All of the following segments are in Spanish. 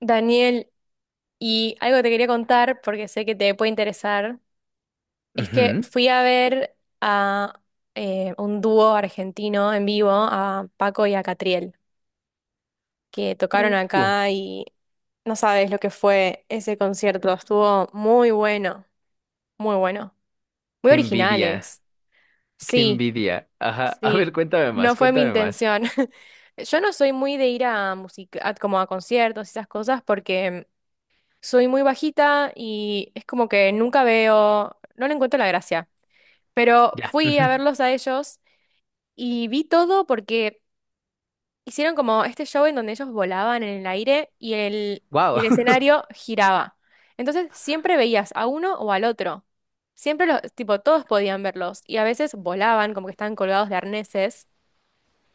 Daniel, y algo que te quería contar, porque sé que te puede interesar, es que Ujú. fui a ver a un dúo argentino en vivo, a Paco y a Catriel, que tocaron Uh, acá y no sabes lo que fue ese concierto. Estuvo muy bueno, muy bueno, muy qué envidia, originales. qué Sí, envidia. Ajá, a sí, ver, cuéntame no más, fue mi cuéntame más. intención. Yo no soy muy de ir a música, como a conciertos y esas cosas, porque soy muy bajita y es como que nunca veo, no le encuentro la gracia. Pero Ya. fui a verlos a ellos y vi todo porque hicieron como este show en donde ellos volaban en el aire y Wow. el escenario giraba. Entonces siempre veías a uno o al otro. Siempre los, tipo, todos podían verlos y a veces volaban como que estaban colgados de arneses.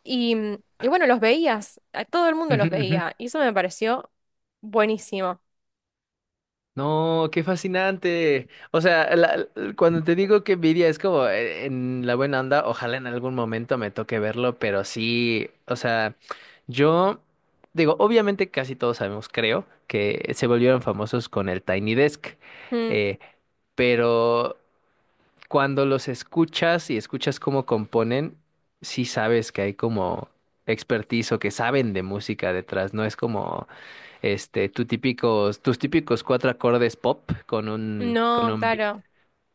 Y, y bueno, los veías, a todo el mundo Ujú, los ujú. veía y eso me pareció buenísimo. No, qué fascinante. O sea, cuando te digo que envidia es como en la buena onda, ojalá en algún momento me toque verlo, pero sí, o sea, yo digo, obviamente casi todos sabemos, creo, que se volvieron famosos con el Tiny Desk, Mm, eh, pero cuando los escuchas y escuchas cómo componen, sí sabes que hay como expertise o que saben de música detrás, no es como este tu típicos, tus típicos cuatro acordes pop con con no, un beat claro.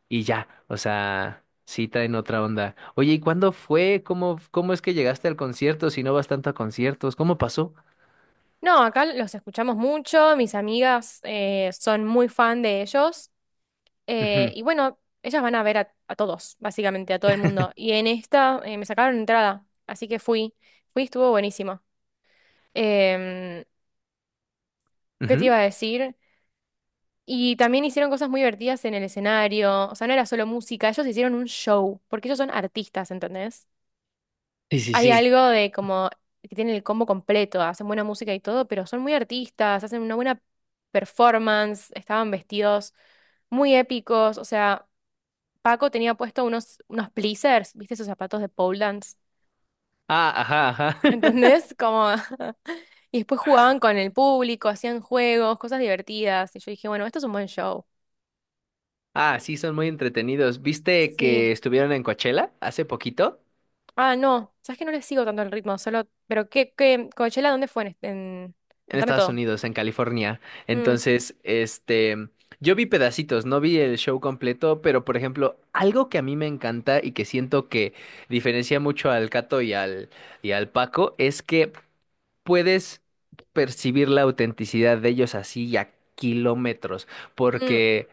y ya, o sea, sí traen otra onda. Oye, ¿y cuándo fue? Cómo es que llegaste al concierto si no vas tanto a conciertos? ¿Cómo pasó? No, acá los escuchamos mucho, mis amigas son muy fan de ellos, Ujú, y bueno, ellas van a ver a todos, básicamente a todo el mundo. Y en esta me sacaron entrada, así que fui, fui, estuvo buenísimo. Em, ¿Qué te iba ujú. a decir? Y también hicieron cosas muy divertidas en el escenario, o sea, no era solo música, ellos hicieron un show, porque ellos son artistas, ¿entendés? Sí, sí, Hay sí. algo de como que tienen el combo completo, hacen buena música y todo, pero son muy artistas, hacen una buena performance, estaban vestidos muy épicos, o sea, Paco tenía puesto unos, unos pleasers, ¿viste esos zapatos de pole dance? Ah, ajá, ajá. ¿Entendés? Como... Y después jugaban con el público, hacían juegos, cosas divertidas, y yo dije, bueno, esto es un buen show. Ah, sí, son muy entretenidos. ¿Viste Sí. que estuvieron en Coachella hace poquito? Ah, no, sabes que no le sigo tanto el ritmo, solo... Pero qué, qué, Coachella, ¿dónde fue? En... este- en- En contame Estados todo. Unidos, en California. Mm, Entonces, yo vi pedacitos, no vi el show completo, pero por ejemplo, algo que a mí me encanta y que siento que diferencia mucho al Cato y al Paco es que puedes percibir la autenticidad de ellos así y a kilómetros, mm, porque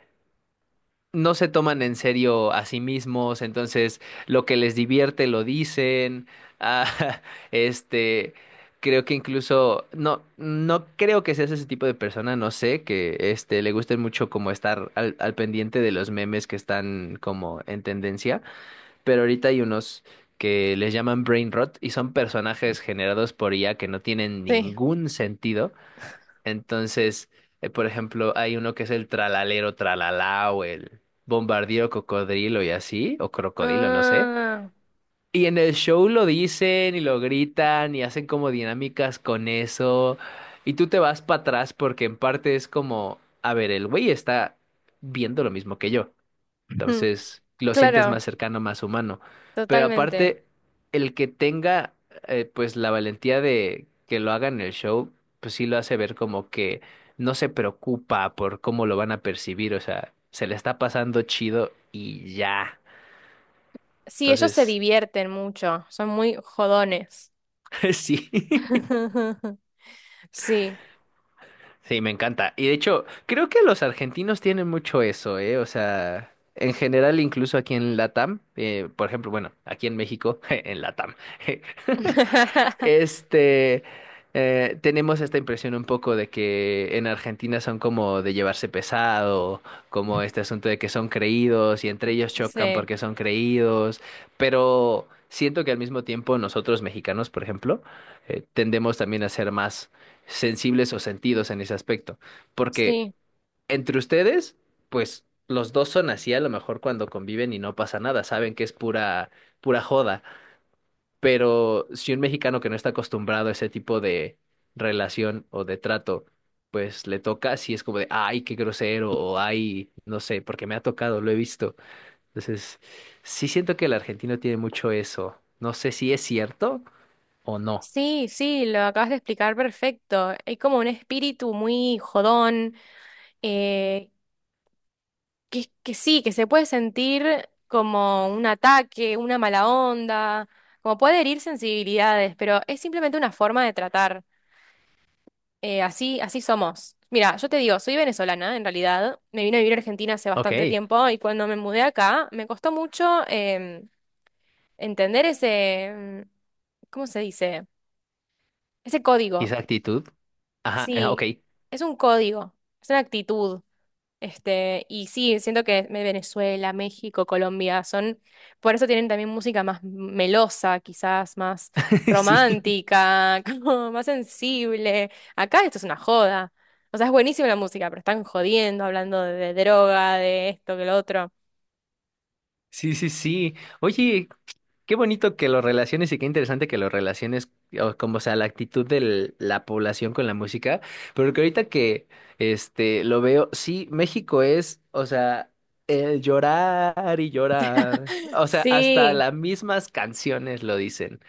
no se toman en serio a sí mismos, entonces lo que les divierte lo dicen. Ah, este, creo que incluso, no, no creo que seas ese tipo de persona, no sé, que le guste mucho como estar al pendiente de los memes que están como en tendencia, pero ahorita hay unos que les llaman brain rot y son personajes generados por IA que no tienen sí. ningún sentido entonces, por ejemplo, hay uno que es el tralalero tralalá o el bombardío cocodrilo y así, o crocodilo, no sé. Ah, Y en el show lo dicen y lo gritan y hacen como dinámicas con eso. Y tú te vas para atrás porque en parte es como, a ver, el güey está viendo lo mismo que yo. mm, Entonces, lo sientes claro, más cercano, más humano. Pero totalmente. aparte, el que tenga la valentía de que lo haga en el show, pues sí lo hace ver como que no se preocupa por cómo lo van a percibir. O sea, se le está pasando chido y ya. Sí, ellos se Entonces, divierten mucho, son muy jodones. sí. Sí. Sí, me encanta. Y de hecho, creo que los argentinos tienen mucho eso, ¿eh? O sea, en general, incluso aquí en Latam, por ejemplo, bueno, aquí en México, en Latam, este, tenemos esta impresión un poco de que en Argentina son como de llevarse pesado, como este asunto de que son creídos y entre ellos chocan Sí, porque son creídos, pero siento que al mismo tiempo nosotros mexicanos, por ejemplo, tendemos también a ser más sensibles o sentidos en ese aspecto. Porque sí, entre ustedes, pues los dos son así a lo mejor cuando conviven y no pasa nada, saben que es pura joda. Pero si un mexicano que no está acostumbrado a ese tipo de relación o de trato, pues le toca, así es como de, ay, qué grosero, o ay, no sé, porque me ha tocado, lo he visto. Entonces, sí siento que el argentino tiene mucho eso. No sé si es cierto o no. sí, sí, lo acabas de explicar perfecto. Hay como un espíritu muy jodón, eh, que sí, que se puede sentir como un ataque, una mala onda, como puede herir sensibilidades, pero es simplemente una forma de tratar. Así, así somos. Mira, yo te digo, soy venezolana en realidad. Me vine a vivir a Argentina hace Ok, bastante tiempo y cuando me mudé acá me costó mucho entender ese, mm, ¿cómo se dice? Ese código. esa actitud. Ajá, ok, Sí, es un código, es una actitud. Este, y sí, siento que me- Venezuela, México, Colombia son, por eso tienen también música más melosa, quizás más sí. romántica, como más sensible. Acá esto es una joda. O sea, es buenísima la música, pero están jodiendo, hablando de droga, de esto, que lo otro. Sí, sí, sí. Oye, qué bonito que lo relaciones y qué interesante que lo relaciones, o como o sea, la actitud de la población con la música, pero que ahorita que lo veo, sí, México es, o sea, el llorar y llorar. O sea, hasta Sí, las mismas canciones lo dicen.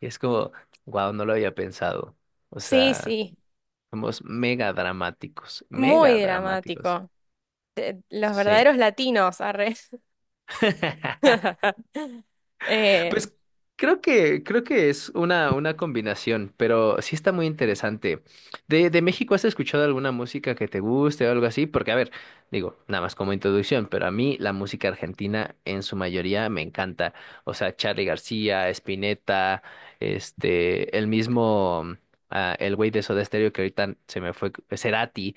Y es como, wow, no lo había pensado. O sí, sea, sí. somos mega dramáticos, mega Muy dramáticos. dramático. Te- Los Sí. verdaderos latinos, arre. Eh, Pues creo que es una combinación, pero sí está muy interesante. De México, ¿has escuchado alguna música que te guste o algo así? Porque, a ver, digo, nada más como introducción, pero a mí la música argentina en su mayoría me encanta. O sea, Charly García, Spinetta, el mismo, ah, el güey de Soda Stereo que ahorita se me fue, Cerati.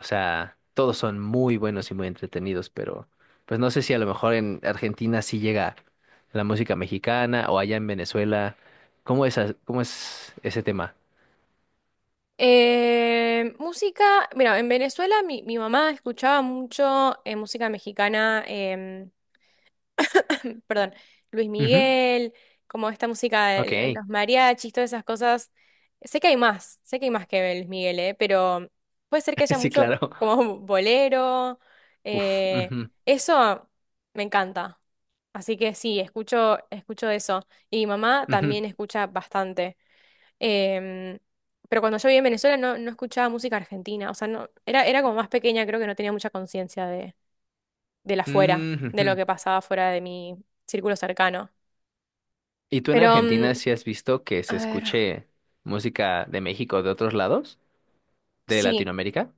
O sea, todos son muy buenos y muy entretenidos, pero pues no sé si a lo mejor en Argentina sí llega la música mexicana o allá en Venezuela. ¿Cómo es, as- cómo es ese tema? Música, mira, en Venezuela mi mamá escuchaba mucho música mexicana, perdón, Luis Ujú, Miguel, como esta música ok, de los mariachis, todas esas cosas. Sé que hay más, sé que hay más que Luis Miguel, pero puede ser que haya sí, mucho claro. como bolero. Uf, eh, ujú, Eso me encanta. Así que sí, escucho, escucho eso. Y mi mamá ujú, también escucha bastante. Em, pero cuando yo vivía en Venezuela no, no escuchaba música argentina. O sea, no, era, era como más pequeña, creo que no tenía mucha conciencia de la fuera, mm, de lo ujú. que pasaba fuera de mi círculo cercano. ¿Y tú en Pero, mm, Argentina sí has visto que se a ver, escuche música de México o de otros lados? ¿De sí. Latinoamérica?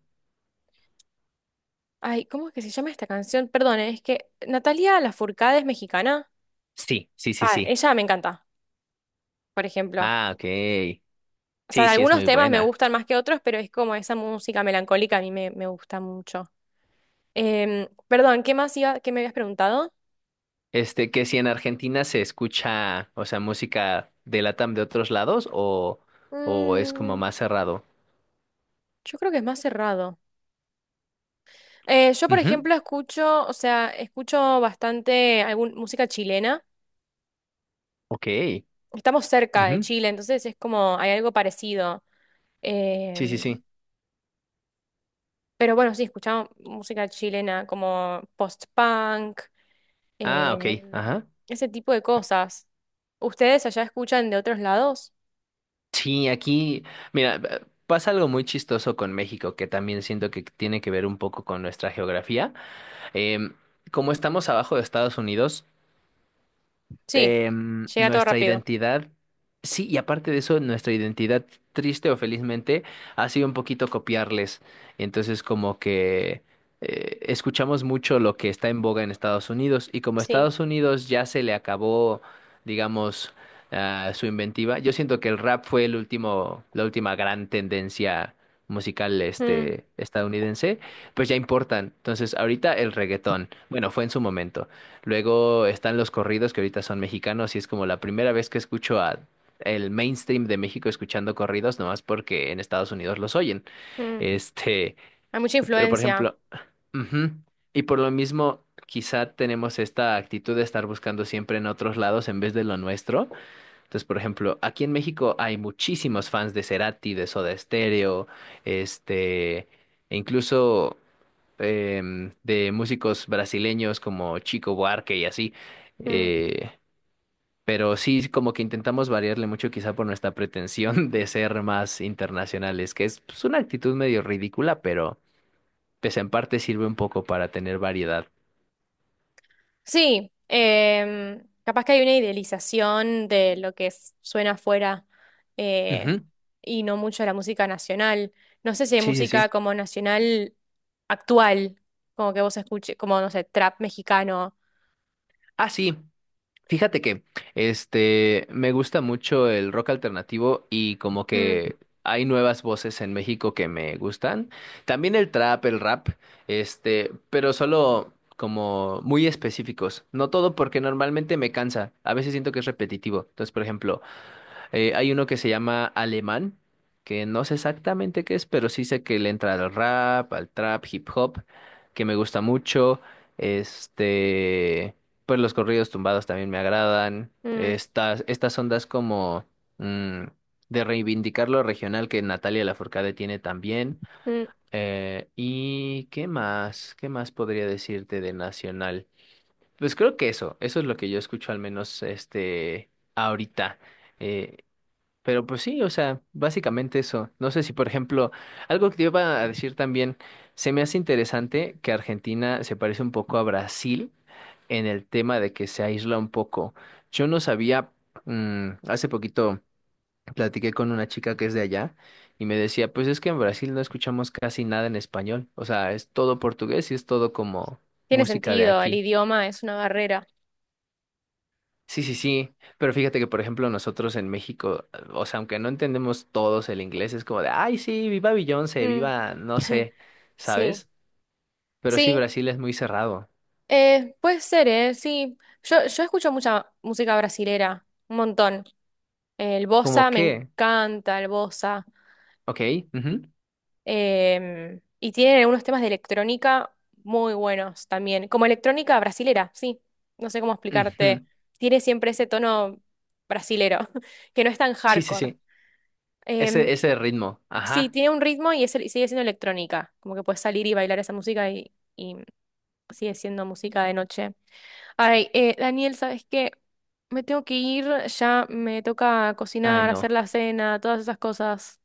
Ay, ¿cómo es que se llama esta canción? Perdón, ¿eh? Es que Natalia Lafourcade es mexicana. Sí, sí, sí, Ah, sí. ella me encanta, por ejemplo. Ah, ok. O Sí, sea, sí, es algunos muy temas me buena. gustan más que otros, pero es como esa música melancólica a mí me, me gusta mucho. Perdón, ¿qué más iba, qué me habías preguntado? Que si en Argentina se escucha, o sea, música de Latam de otros lados o es como Mm, más cerrado. yo creo que es más cerrado. Yo, por Ujú, ejemplo, escucho, o sea, escucho bastante algún, música chilena. ok. Estamos cerca de Ujú. Chile, entonces es como, hay algo parecido. Sí, sí, Em, sí. pero bueno, sí, escuchamos música chilena como post-punk, Ah, ok. em, Ajá. ese tipo de cosas. ¿Ustedes allá escuchan de otros lados? Sí, aquí, mira, pasa algo muy chistoso con México, que también siento que tiene que ver un poco con nuestra geografía. Em, como estamos abajo de Estados Unidos, Sí, llega todo nuestra rápido. identidad, sí, y aparte de eso, nuestra identidad, triste o felizmente, ha sido un poquito copiarles. Entonces, como que escuchamos mucho lo que está en boga en Estados Unidos, y como a Sí. Estados Unidos ya se le acabó, digamos, ah, su inventiva, yo siento que el rap fue el último, la última gran tendencia musical Mm, estadounidense, pues ya importan. Entonces, ahorita el reggaetón, bueno, fue en su momento. Luego están los corridos que ahorita son mexicanos y es como la primera vez que escucho a el mainstream de México escuchando corridos, nomás porque en Estados Unidos los oyen. mm. Este, Hay mucha pero por influencia. ejemplo, ujú, y por lo mismo, quizá tenemos esta actitud de estar buscando siempre en otros lados en vez de lo nuestro. Entonces, por ejemplo, aquí en México hay muchísimos fans de Cerati, de Soda Stereo, este, e incluso de músicos brasileños como Chico Buarque y así. Mm. eh, pero sí, sí, como que intentamos variarle mucho quizá por nuestra pretensión de ser más internacionales, que es pues, una actitud medio ridícula, pero pues en parte sirve un poco para tener variedad. Sí, capaz que hay una idealización de lo que s- suena afuera eh, Ujú, y no mucho de la música nacional. No sé si hay sí, sí, música sí. como nacional actual, como que vos escuches, como no sé, trap mexicano. Ah, sí. Fíjate que me gusta mucho el rock alternativo y como Mm, que hay nuevas voces en México que me gustan. También el trap, el rap, pero solo como muy específicos. No todo porque normalmente me cansa. A veces siento que es repetitivo. Entonces, por ejemplo, hay uno que se llama Alemán, que no sé exactamente qué es, pero sí sé que le entra al rap, al trap, hip hop, que me gusta mucho. Este, pues los corridos tumbados también me agradan. mm, Estas ondas como mm, de reivindicar lo regional que Natalia Lafourcade tiene también. mm. ¿Y qué más? ¿Qué más podría decirte de nacional? Pues creo que eso es lo que yo escucho al menos ahorita. Eh, pero pues sí, o sea, básicamente eso. No sé si, por ejemplo, algo que te iba a decir también, se me hace interesante que Argentina se parece un poco a Brasil en el tema de que se aísla un poco. Yo no sabía, hace poquito platiqué con una chica que es de allá y me decía, pues es que en Brasil no escuchamos casi nada en español, o sea, es todo portugués y es todo como Tiene música de sentido, el aquí. idioma es una barrera. Sí, sí, sí, pero fíjate que por ejemplo nosotros en México, o sea, aunque no entendemos todos el inglés, es como de, ay, sí, viva Beyoncé, Mm. viva, no sé, Sí, ¿sabes? Pero sí, sí, Brasil es muy cerrado. eh, puede ser, ¿eh? Sí. Yo escucho mucha música brasilera, un montón. El bossa, ¿Como me qué? encanta el bossa. Ok, ujú, Y tienen algunos temas de electrónica muy buenos también. Como electrónica brasilera, sí. No sé cómo ujú. explicarte. Tiene siempre ese tono brasilero, que no es tan Sí, sí, hardcore. sí, Em, ese ritmo, sí, ajá, tiene un ritmo y, es, el- sigue siendo electrónica. Como que puedes salir y bailar esa música y sigue siendo música de noche. Ay, Daniel, ¿sabes qué? Me tengo que ir, ya me toca ay, cocinar, hacer no. la cena, todas esas cosas.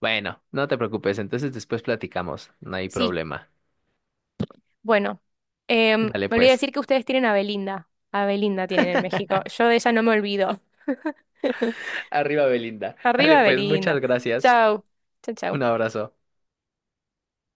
Bueno, no te preocupes, entonces después platicamos, no hay Sí, problema. bueno, Dale me olvidé pues. decir que ustedes tienen a Belinda. A Belinda tienen en México. Yo de ella no me olvido. Arriba, Belinda. Dale Arriba pues, Belinda. muchas gracias. Chao, chao, Un chau. abrazo.